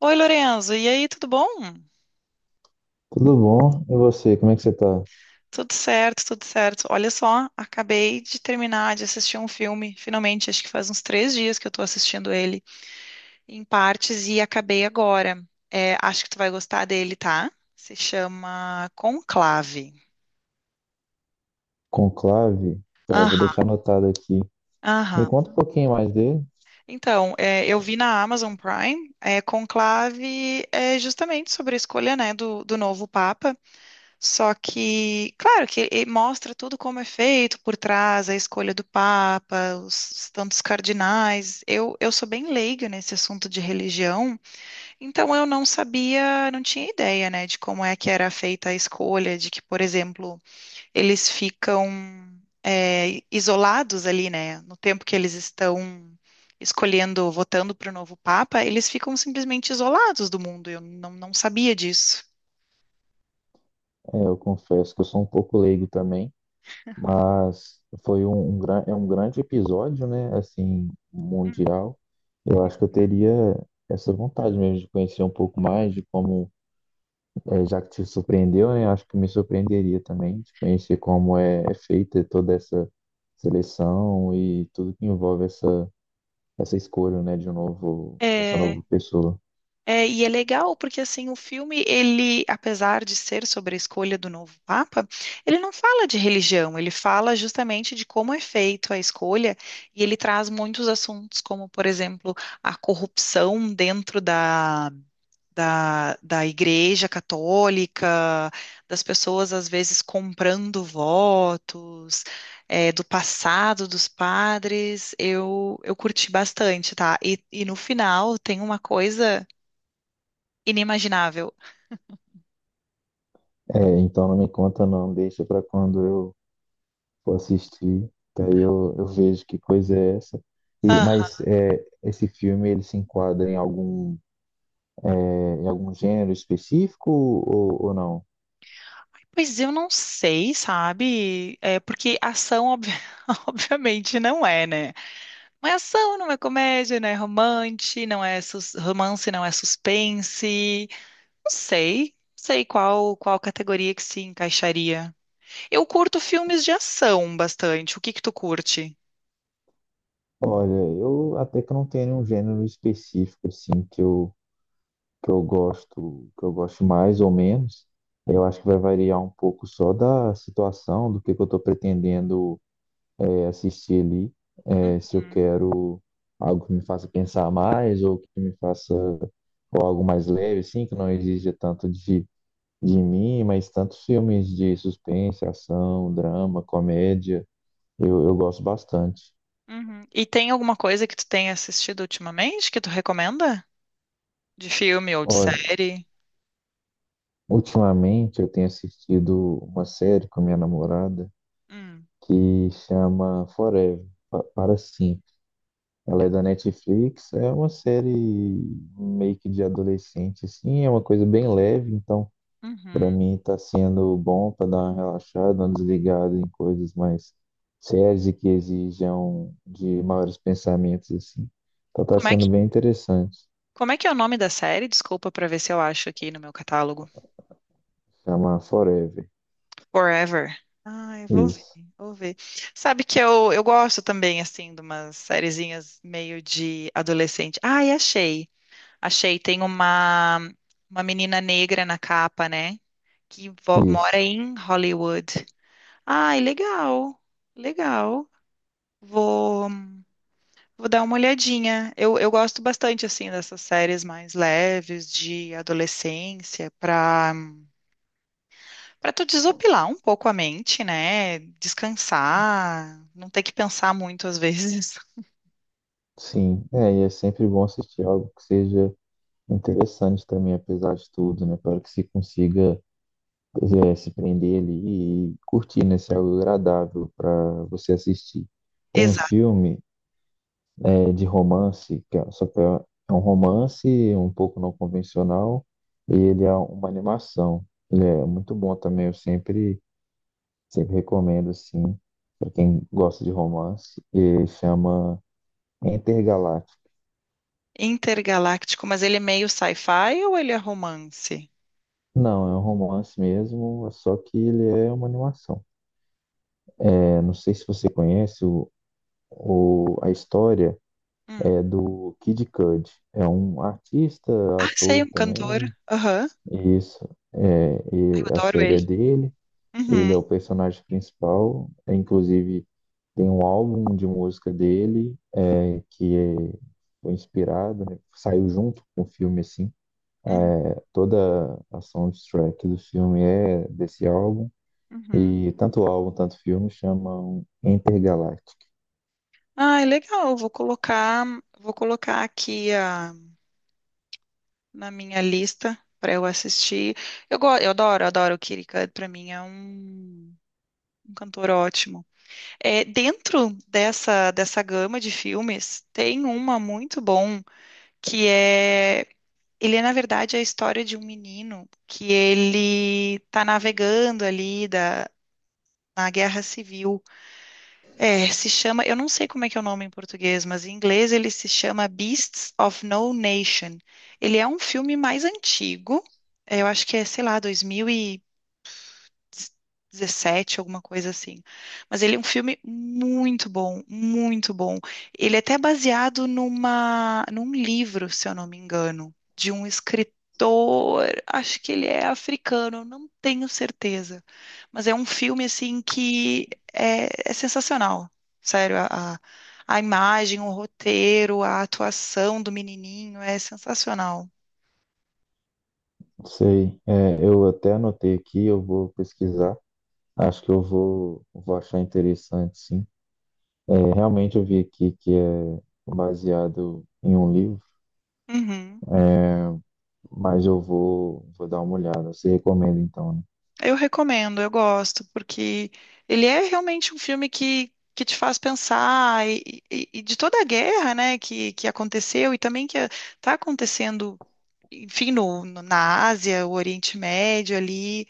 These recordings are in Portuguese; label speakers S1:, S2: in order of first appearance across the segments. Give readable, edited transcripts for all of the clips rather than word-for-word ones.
S1: Oi, Lorenzo, e aí, tudo bom?
S2: Tudo bom? E você, como é que você tá?
S1: Tudo certo, tudo certo. Olha só, acabei de terminar de assistir um filme, finalmente, acho que faz uns três dias que eu tô assistindo ele em partes e acabei agora. É, acho que tu vai gostar dele, tá? Se chama Conclave.
S2: Conclave? Tá, vou
S1: Aham,
S2: deixar anotado aqui. Me
S1: aham.
S2: conta um pouquinho mais dele.
S1: Então, é, eu vi na Amazon Prime, é, Conclave é justamente sobre a escolha, né, do novo Papa. Só que, claro, que ele mostra tudo como é feito por trás, a escolha do Papa, os tantos cardinais. Eu sou bem leiga nesse assunto de religião, então eu não sabia, não tinha ideia, né, de como é que era feita a escolha, de que, por exemplo, eles ficam isolados ali, né, no tempo que eles estão escolhendo, votando para o novo Papa, eles ficam simplesmente isolados do mundo. Eu não, não sabia disso.
S2: É, eu confesso que eu sou um pouco leigo também, mas foi um, um, é um grande episódio, né? Assim, mundial. Eu acho que eu teria essa vontade mesmo de conhecer um pouco mais de como, é, já que te surpreendeu, né? Acho que me surpreenderia também de conhecer como é, é feita toda essa seleção e tudo que envolve essa. Essa escolha, né, de um novo, dessa
S1: É,
S2: nova pessoa.
S1: é, e é legal porque assim o filme ele, apesar de ser sobre a escolha do novo papa, ele não fala de religião, ele fala justamente de como é feito a escolha e ele traz muitos assuntos como, por exemplo, a corrupção dentro da Igreja Católica, das pessoas às vezes comprando votos, é, do passado dos padres, eu curti bastante, tá? E no final tem uma coisa inimaginável.
S2: É, então não me conta não, deixa para quando eu for assistir, que aí eu vejo que coisa é essa. E,
S1: Ah,
S2: mas é, esse filme ele se enquadra em algum, é, em algum gênero específico ou não?
S1: pois eu não sei, sabe? É porque ação, obviamente, não é, né? Não é ação, não é comédia, não é romance, romance, não é suspense. Não sei. Não sei qual categoria que se encaixaria. Eu curto filmes de ação bastante. O que que tu curte?
S2: Olha, eu até que não tenho um gênero específico assim que eu gosto mais ou menos. Eu acho que vai variar um pouco só da situação, do que eu estou pretendendo é, assistir ali. É, se eu quero algo que me faça pensar mais ou que me faça ou algo mais leve, assim, que não exija tanto de mim, mas tantos filmes de suspense, ação, drama, comédia, eu gosto bastante.
S1: Uhum. E tem alguma coisa que tu tenha assistido ultimamente que tu recomenda? De filme ou de
S2: Olha,
S1: série?
S2: ultimamente eu tenho assistido uma série com a minha namorada
S1: Hum.
S2: que chama Forever, para sempre. Ela é da Netflix, é uma série meio que de adolescente, assim, é uma coisa bem leve, então para
S1: Uhum.
S2: mim está sendo bom para dar uma relaxada, uma desligada em coisas mais sérias e que exijam de maiores pensamentos assim. Então está
S1: Como é
S2: sendo
S1: que
S2: bem interessante.
S1: Como é que é o nome da série? Desculpa pra ver se eu acho aqui no meu catálogo.
S2: Chamar Forever.
S1: Forever. Ah, eu vou ver,
S2: Isso,
S1: vou ver. Sabe que eu gosto também, assim, de umas sériezinhas meio de adolescente. Ai, achei. Achei. Tem uma menina negra na capa, né? Que mora
S2: isso.
S1: em Hollywood. Ai, legal. Legal. Vou, vou dar uma olhadinha. Eu gosto bastante, assim, dessas séries mais leves de adolescência pra para tu desopilar um pouco a mente, né? Descansar, não ter que pensar muito às vezes.
S2: Sim, é, e é sempre bom assistir algo que seja interessante também, apesar de tudo, né? Para que se consiga é, se prender ali e curtir, né? Ser algo agradável para você assistir. Tem um
S1: Exato.
S2: filme é, de romance, só que é é um romance um pouco não convencional e ele é uma animação. Ele é muito bom também, eu sempre, sempre recomendo, assim, para quem gosta de romance. E chama Intergaláctico.
S1: Intergaláctico, mas ele é meio sci-fi ou ele é romance?
S2: Não, é um romance mesmo, só que ele é uma animação. É, não sei se você conhece o, a história
S1: Hum.
S2: é do Kid Cudi. É um artista,
S1: Ah, sei,
S2: ator
S1: um cantor.
S2: também.
S1: Aham,
S2: Isso. É,
S1: eu
S2: e a
S1: adoro
S2: série
S1: ele.
S2: é dele. Ele
S1: Uhum,
S2: é o personagem principal, é, inclusive tem um álbum de música dele é, foi inspirado, né? Saiu junto com o filme, assim.
S1: uhum,
S2: Toda a soundtrack do filme é desse álbum.
S1: uhum.
S2: E tanto o álbum, tanto o filme chamam Intergalactic.
S1: Ah, legal. Vou colocar aqui na minha lista para eu assistir. Eu adoro o Kid Cudi. Para mim é um, um cantor ótimo. É, dentro dessa gama de filmes, tem uma muito bom que é. Ele é, na verdade, a história de um menino que ele tá navegando ali da, na Guerra Civil. É, se chama, eu não sei como é que é o nome em português, mas em inglês ele se chama Beasts of No Nation. Ele é um filme mais antigo, é, eu acho que é, sei lá, 2000 e 17 alguma coisa assim. Mas ele é um filme muito bom, muito bom. Ele é até baseado numa, num livro, se eu não me engano, de um escritor, acho que ele é africano, eu não tenho certeza. Mas é um filme, assim, que é, é sensacional. Sério, a imagem, o roteiro, a atuação do menininho é sensacional.
S2: Sei, é, eu até anotei aqui, eu vou pesquisar. Acho que vou achar interessante, sim. É, realmente eu vi aqui que é baseado em um livro.
S1: Uhum.
S2: É, mas vou dar uma olhada. Você recomenda então, né?
S1: Eu recomendo, eu gosto, porque ele é realmente um filme que te faz pensar e, e de toda a guerra, né, que aconteceu e também que está acontecendo, enfim, na Ásia, o Oriente Médio ali,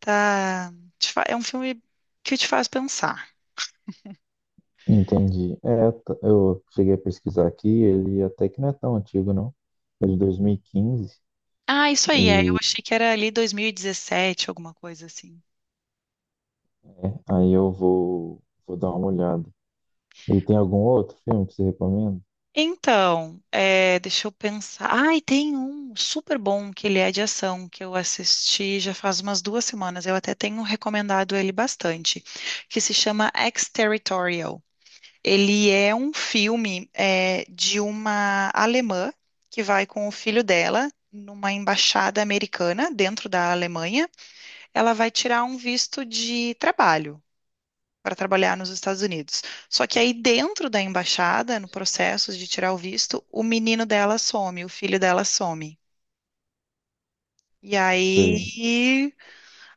S1: tá, é um filme que te faz pensar.
S2: Entendi. É, eu cheguei a pesquisar aqui, ele até que não é tão antigo, não. É de 2015.
S1: Ah, isso
S2: E
S1: aí, é, eu
S2: quinze. E
S1: achei que era ali 2017, alguma coisa assim.
S2: aí vou dar uma olhada. E tem algum outro filme que você recomenda?
S1: Então, é, deixa eu pensar. Ai, tem um super bom que ele é de ação, que eu assisti já faz umas duas semanas. Eu até tenho recomendado ele bastante, que se chama Ex-Territorial. Ele é um filme é, de uma alemã que vai com o filho dela numa embaixada americana dentro da Alemanha. Ela vai tirar um visto de trabalho para trabalhar nos Estados Unidos. Só que aí dentro da embaixada, no processo de tirar o visto, o menino dela some, o filho dela some. E
S2: Sei.
S1: aí,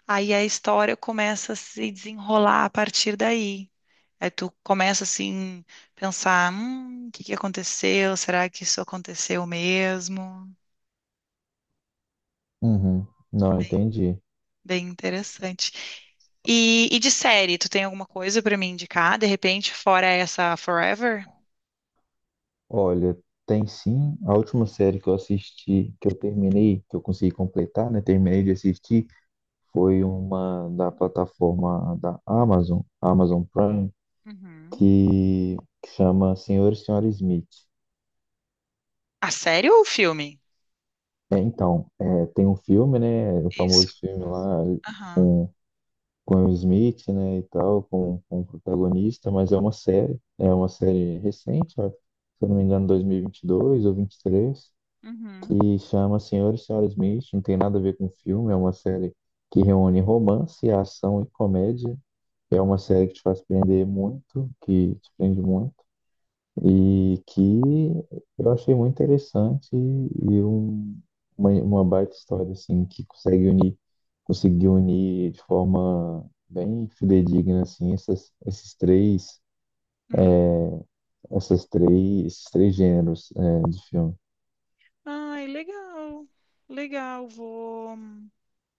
S1: aí a história começa a se desenrolar a partir daí. Aí tu começa assim pensar, o que que aconteceu? Será que isso aconteceu mesmo?
S2: Uhum. Não, entendi.
S1: Bem interessante. E de série, tu tem alguma coisa para me indicar? De repente, fora essa Forever?
S2: Olha, tem sim. A última série que eu assisti, que eu terminei, que eu consegui completar, né? Terminei de assistir, foi uma da plataforma da Amazon, Amazon Prime.
S1: Uhum.
S2: que, que chama Senhor e Senhora Smith.
S1: A série ou o filme?
S2: É, então, é, tem um filme, né? O
S1: Isso.
S2: famoso filme lá
S1: Aham.
S2: com o Smith, né? E tal, com o protagonista, mas é uma série recente, ó, se eu não me engano, 2022 ou 23,
S1: Uhum.
S2: que chama Senhor e Senhora Smith. Não tem nada a ver com filme, é uma série que reúne romance, ação e comédia. É uma série que te faz prender muito, que te prende muito. E que eu achei muito interessante e um, uma baita história, assim, que consegue unir, conseguiu unir de forma bem fidedigna, assim, essas, esses três,
S1: Hum.
S2: essas três, esses três gêneros, é, de filme.
S1: Ai, legal. Legal,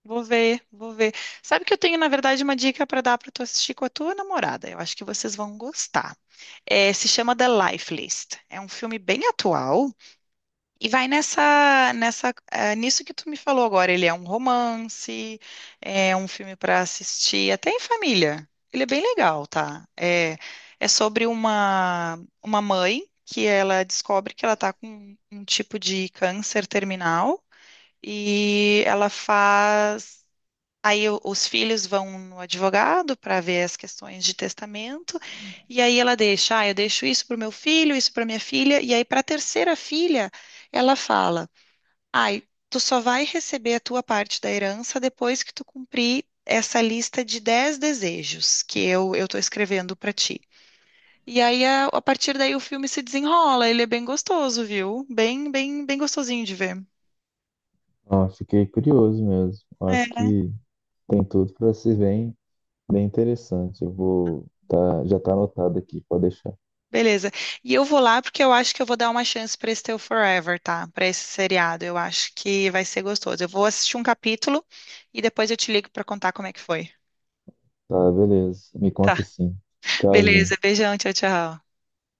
S1: vou ver, vou ver. Sabe que eu tenho, na verdade, uma dica para dar para tu assistir com a tua namorada. Eu acho que vocês vão gostar. É, se chama The Life List. É um filme bem atual, e vai nisso que tu me falou agora. Ele é um romance, é um filme para assistir, até em família. Ele é bem legal, tá? É, é sobre uma mãe que ela descobre que ela tá com um tipo de câncer terminal e ela faz. Aí os filhos vão no advogado para ver as questões de testamento, e aí ela deixa, ah, eu deixo isso para o meu filho, isso para minha filha, e aí para a terceira filha, ela fala, ai, tu só vai receber a tua parte da herança depois que tu cumprir essa lista de 10 desejos que eu estou escrevendo para ti. E aí a partir daí o filme se desenrola, ele é bem gostoso, viu? Bem, bem, bem gostosinho de ver.
S2: Ah, fiquei curioso mesmo. Eu acho
S1: É.
S2: que tem tudo para ser bem, bem interessante. Eu vou, tá, já tá anotado aqui, pode deixar.
S1: Beleza. E eu vou lá porque eu acho que eu vou dar uma chance para esse teu Forever, tá? Para esse seriado. Eu acho que vai ser gostoso. Eu vou assistir um capítulo e depois eu te ligo para contar como é que foi.
S2: Tá, beleza. Me
S1: Tá.
S2: conta sim. Tchauzinho.
S1: Beleza. Beijão. Tchau, tchau.